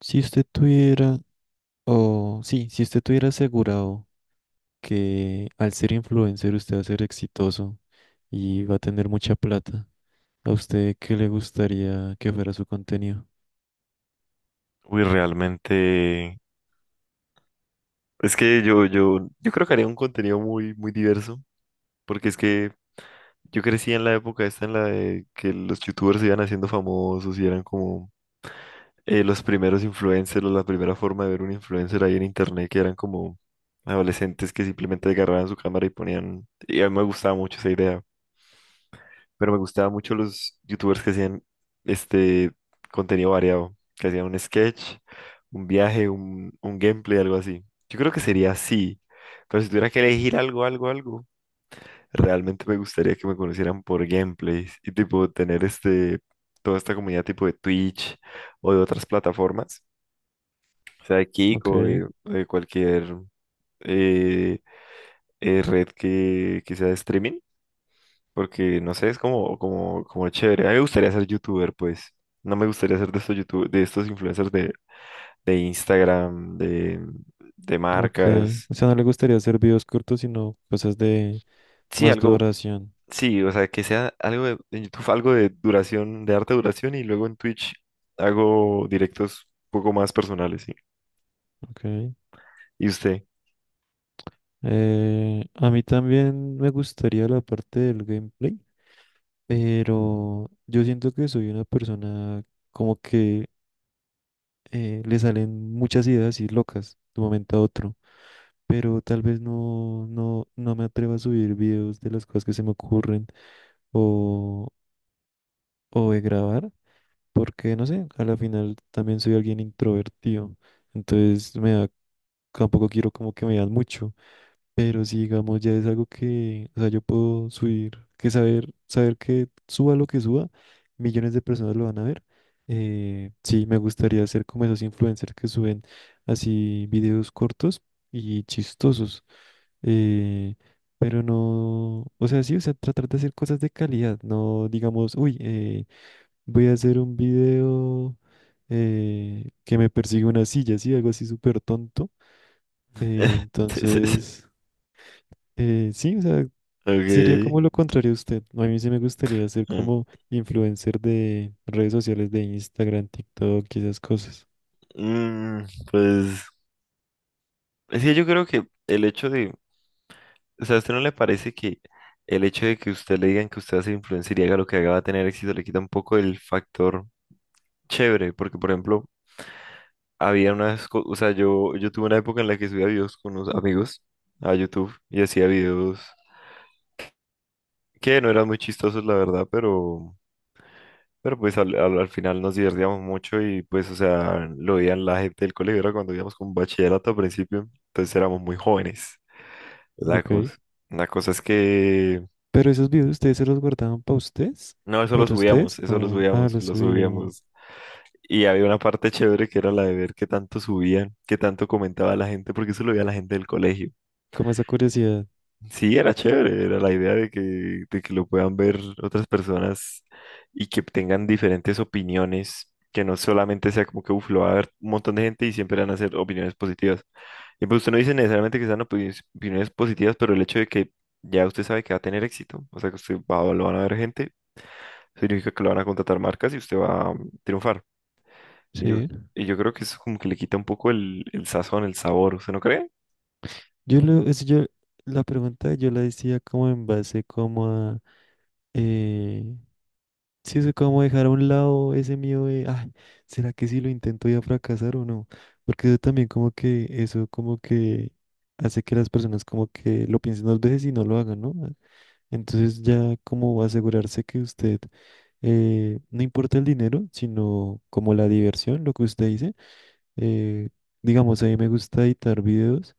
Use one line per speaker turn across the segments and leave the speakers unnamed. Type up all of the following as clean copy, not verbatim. Si usted tuviera, o sí, si usted tuviera asegurado que al ser influencer usted va a ser exitoso y va a tener mucha plata, ¿a usted qué le gustaría que fuera su contenido?
Uy, realmente. Es que yo creo que haría un contenido muy, muy diverso, porque es que yo crecí en la época esta en la de que los youtubers se iban haciendo famosos y eran como los primeros influencers o la primera forma de ver un influencer ahí en internet, que eran como adolescentes que simplemente agarraban su cámara y ponían. Y a mí me gustaba mucho esa idea. Pero me gustaban mucho los youtubers que hacían este contenido variado, que hacían un sketch, un viaje, un gameplay, algo así. Yo creo que sería así, pero si tuviera que elegir algo, realmente me gustaría que me conocieran por gameplays y tipo tener toda esta comunidad tipo de Twitch o de otras plataformas, sea de Kik
Ok,
o de cualquier eh, red que sea de streaming. Porque, no sé, es como chévere. A mí me gustaría ser youtuber, pues. No me gustaría ser de estos youtubers, de estos influencers de Instagram, de
ok.
marcas.
O sea, no le gustaría hacer videos cortos, sino cosas de
Sí,
más
algo,
duración.
sí, o sea, que sea algo de, en YouTube, algo de duración, de harta duración, y luego en Twitch hago directos un poco más personales, sí.
Ok.
¿Y usted?
A mí también me gustaría la parte del gameplay, pero yo siento que soy una persona como que le salen muchas ideas y locas de un momento a otro, pero tal vez no me atrevo a subir videos de las cosas que se me ocurren o, o de grabar, porque no sé, a la final también soy alguien introvertido, entonces me da, tampoco quiero como que me vean mucho. Pero si digamos ya es algo que, o sea, yo puedo subir, que saber, saber que suba lo que suba, millones de personas lo van a ver. Sí, me gustaría ser como esos influencers que suben así videos cortos y chistosos. eh, pero no, o sea, sí, o sea, tratar de hacer cosas de calidad, no digamos, uy, voy a hacer un video que me persigue una silla, sí, algo así súper tonto.
Sí, sí, sí.
Entonces. Sí, o sea, sería
Ok.
como lo contrario a usted. A mí sí me gustaría ser
Mm,
como influencer de redes sociales de Instagram, TikTok y esas cosas.
mm, pues, es que yo creo que el hecho de... O sea, ¿a usted no le parece que el hecho de que usted le digan que usted va a ser influencer y haga lo que haga va a tener éxito le quita un poco el factor chévere? Porque, por ejemplo, había unas cosas, o sea, yo tuve una época en la que subía videos con unos amigos a YouTube y hacía videos que no eran muy chistosos, la verdad, pero pues al final nos divertíamos mucho y pues, o sea, lo veían la gente del colegio, era cuando íbamos con bachillerato al principio, entonces éramos muy jóvenes, la
Ok.
cosa. La cosa es que...
Pero esos videos ustedes se los guardaban
No,
para ustedes,
eso lo
o ah,
subíamos,
los
lo
subían.
subíamos. Y había una parte chévere que era la de ver qué tanto subían, qué tanto comentaba la gente, porque eso lo veía la gente del colegio.
Como esa curiosidad.
Sí, era chévere, era la idea de que lo puedan ver otras personas y que tengan diferentes opiniones, que no solamente sea como que, uf, lo va a ver un montón de gente y siempre van a ser opiniones positivas. Y pues usted no dice necesariamente que sean opiniones positivas, pero el hecho de que ya usted sabe que va a tener éxito, o sea que usted va, lo van a ver gente significa que lo van a contratar marcas y usted va a triunfar. Y yo,
Sí.
y yo creo que eso como que le quita un poco el sazón, el sabor, ¿usted no cree?
Yo lo, es, yo, la pregunta yo la decía como en base como a eh, sí, eso como dejar a un lado ese miedo de, ay, ¿será que si lo intento voy a fracasar o no? Porque eso también como que, eso como que hace que las personas como que lo piensen dos veces y no lo hagan, ¿no? Entonces ya como asegurarse que usted, no importa el dinero, sino como la diversión, lo que usted dice, eh, digamos, a mí me gusta editar videos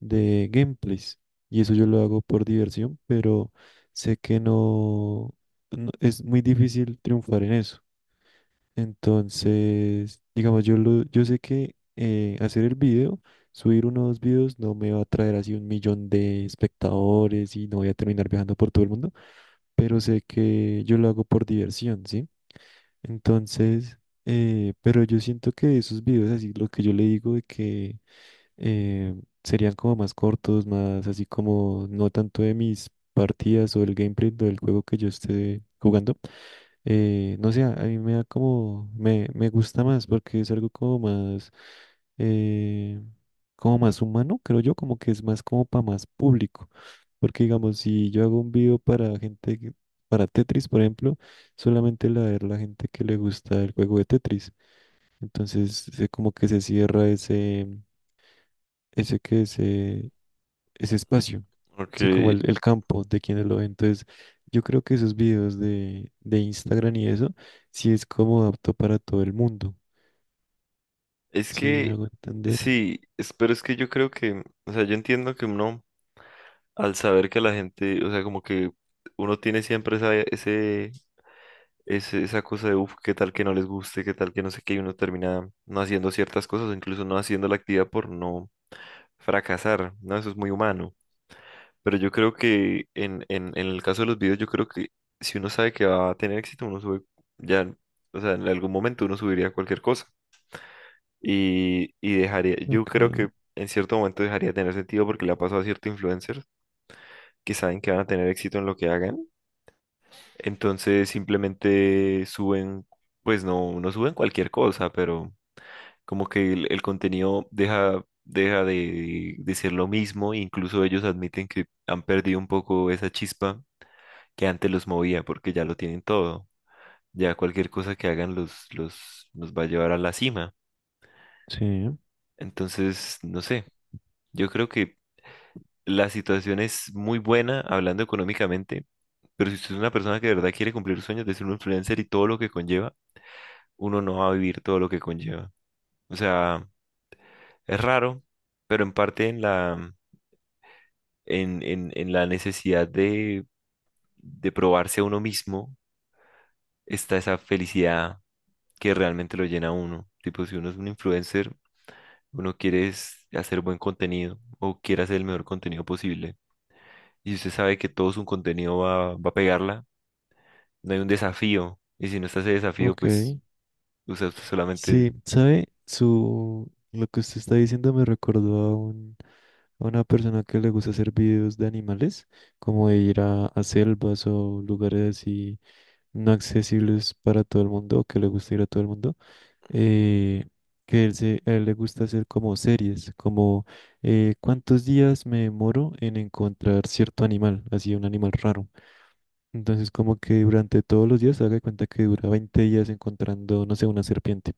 de gameplays y eso yo lo hago por diversión, pero sé que no, es muy difícil triunfar en eso. Entonces, digamos, yo, lo, yo sé que hacer el video, subir uno o dos videos, no me va a traer así un millón de espectadores y no voy a terminar viajando por todo el mundo, pero sé que yo lo hago por diversión, ¿sí? Entonces, pero yo siento que esos videos, así lo que yo le digo de que eh, serían como más cortos, más así como no tanto de mis partidas o el gameplay del juego que yo esté jugando. No sé, a mí me da como, me gusta más porque es algo eh, como más humano, creo yo, como que es más como para más público. Porque digamos, si yo hago un video para gente, para Tetris, por ejemplo, solamente la ver la gente que le gusta el juego de Tetris. Entonces, como que se cierra ese que ese, ese espacio, sí, como
Porque
el campo de quienes lo ven. Entonces, yo creo que esos videos de Instagram y eso, sí es como apto para todo el mundo.
es
Sí, me
que,
hago entender.
sí, es... Pero es que yo creo que, o sea, yo entiendo que uno, al saber que la gente, o sea, como que uno tiene siempre esa cosa de, uff, qué tal que no les guste, qué tal que no sé qué, y uno termina no haciendo ciertas cosas, o incluso no haciendo la actividad por no fracasar, ¿no? Eso es muy humano. Pero yo creo que en el caso de los videos, yo creo que si uno sabe que va a tener éxito, uno sube ya, o sea, en algún momento uno subiría cualquier cosa y dejaría, yo
Ok,
creo que en cierto momento dejaría de tener sentido porque le ha pasado a ciertos influencers que saben que van a tener éxito en lo que hagan, entonces simplemente suben, pues no, no suben cualquier cosa, pero como que el contenido deja, deja de ser lo mismo, incluso ellos admiten que han perdido un poco esa chispa que antes los movía, porque ya lo tienen todo. Ya cualquier cosa que hagan los va a llevar a la cima.
sí,
Entonces, no sé, yo creo que la situación es muy buena hablando económicamente, pero si usted es una persona que de verdad quiere cumplir sus sueños de ser un influencer y todo lo que conlleva, uno no va a vivir todo lo que conlleva. O sea, es raro, pero en parte en la, en la necesidad de probarse a uno mismo está esa felicidad que realmente lo llena a uno. Tipo, si uno es un influencer, uno quiere es hacer buen contenido o quiere hacer el mejor contenido posible. Y si usted sabe que todo su contenido va, va a pegarla, no hay un desafío. Y si no está ese desafío,
ok.
pues, o sea, usted solamente...
Sí, ¿sabe? Su, lo que usted está diciendo me recordó a un, a una persona que le gusta hacer videos de animales, como de ir a selvas o lugares así no accesibles para todo el mundo, o que le gusta ir a todo el mundo. eh, que él, a él le gusta hacer como series, como cuántos días me demoro en encontrar cierto animal, así un animal raro. Entonces como que durante todos los días haga de cuenta que dura 20 días encontrando, no sé, una serpiente.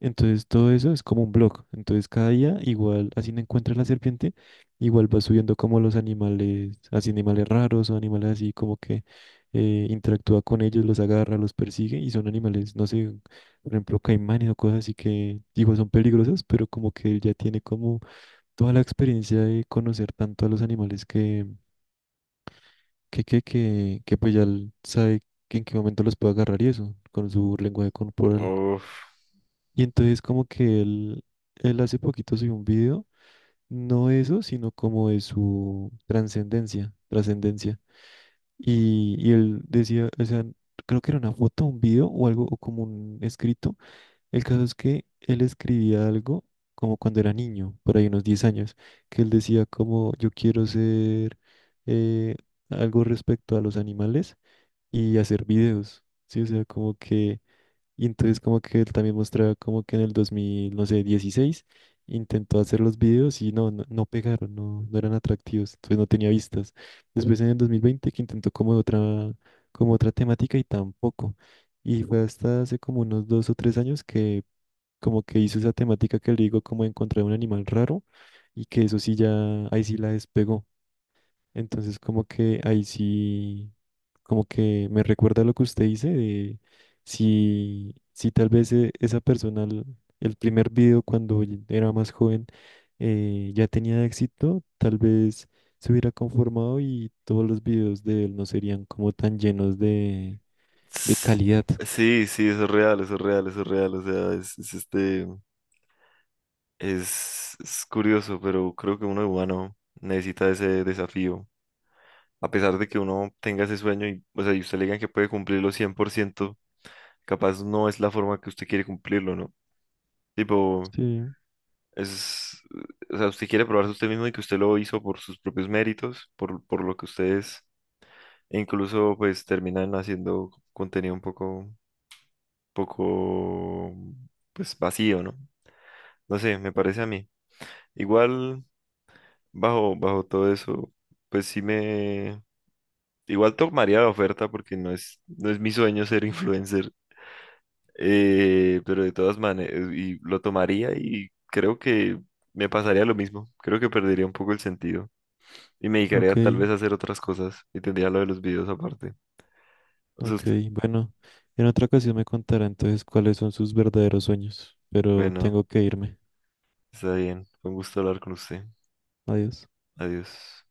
Entonces todo eso es como un blog. Entonces cada día igual, así no encuentra la serpiente, igual va subiendo como los animales, así animales raros o animales así como que interactúa con ellos, los agarra, los persigue y son animales, no sé, por ejemplo, caimanes o cosas así que digo son peligrosas, pero como que él ya tiene como toda la experiencia de conocer tanto a los animales que, pues ya él sabe que en qué momento los puede agarrar y eso, con su lenguaje corporal.
Uf.
Y entonces como que él hace poquito subió un video, no eso, sino como de su trascendencia, trascendencia. Y él decía, o sea, creo que era una foto, un video o algo, o como un escrito. El caso es que él escribía algo como cuando era niño, por ahí unos 10 años, que él decía como yo quiero ser eh, algo respecto a los animales y hacer videos. Sí, o sea, como que y entonces como que él también mostraba como que en el 2000, no sé, 16 intentó hacer los videos y no pegaron, no eran atractivos, entonces no tenía vistas. Después en el 2020 que intentó como otra temática y tampoco. Y fue hasta hace como unos 2 o 3 años que como que hizo esa temática que le digo como de encontrar un animal raro y que eso sí ya, ahí sí la despegó. Entonces, como que ahí sí, como que me recuerda lo que usted dice de si, si tal vez esa persona, el primer video cuando era más joven, ya tenía éxito, tal vez se hubiera conformado y todos los videos de él no serían como tan llenos de
Ts-
calidad.
Sí, sí, eso es real, eso es real, eso es real. O sea, es es curioso, pero creo que uno humano necesita ese desafío. A pesar de que uno tenga ese sueño y, o sea, y usted le digan que puede cumplirlo 100%, capaz no es la forma que usted quiere cumplirlo, ¿no? Tipo,
Sí,
es, o sea, usted quiere probarse usted mismo y que usted lo hizo por sus propios méritos, por lo que ustedes, e incluso pues terminan haciendo contenido un poco, poco, pues vacío, ¿no? No sé, me parece a mí. Igual, bajo, bajo todo eso, pues sí me, igual tomaría la oferta porque no es, no es mi sueño ser influencer. Pero de todas maneras, y lo tomaría y creo que me pasaría lo mismo. Creo que perdería un poco el sentido y me dedicaría
ok,
tal vez a hacer otras cosas y tendría lo de los videos aparte. O sea,
ok. Bueno, en otra ocasión me contará entonces cuáles son sus verdaderos sueños, pero
bueno,
tengo que irme.
está bien. Fue un gusto hablar con usted.
Adiós.
Adiós.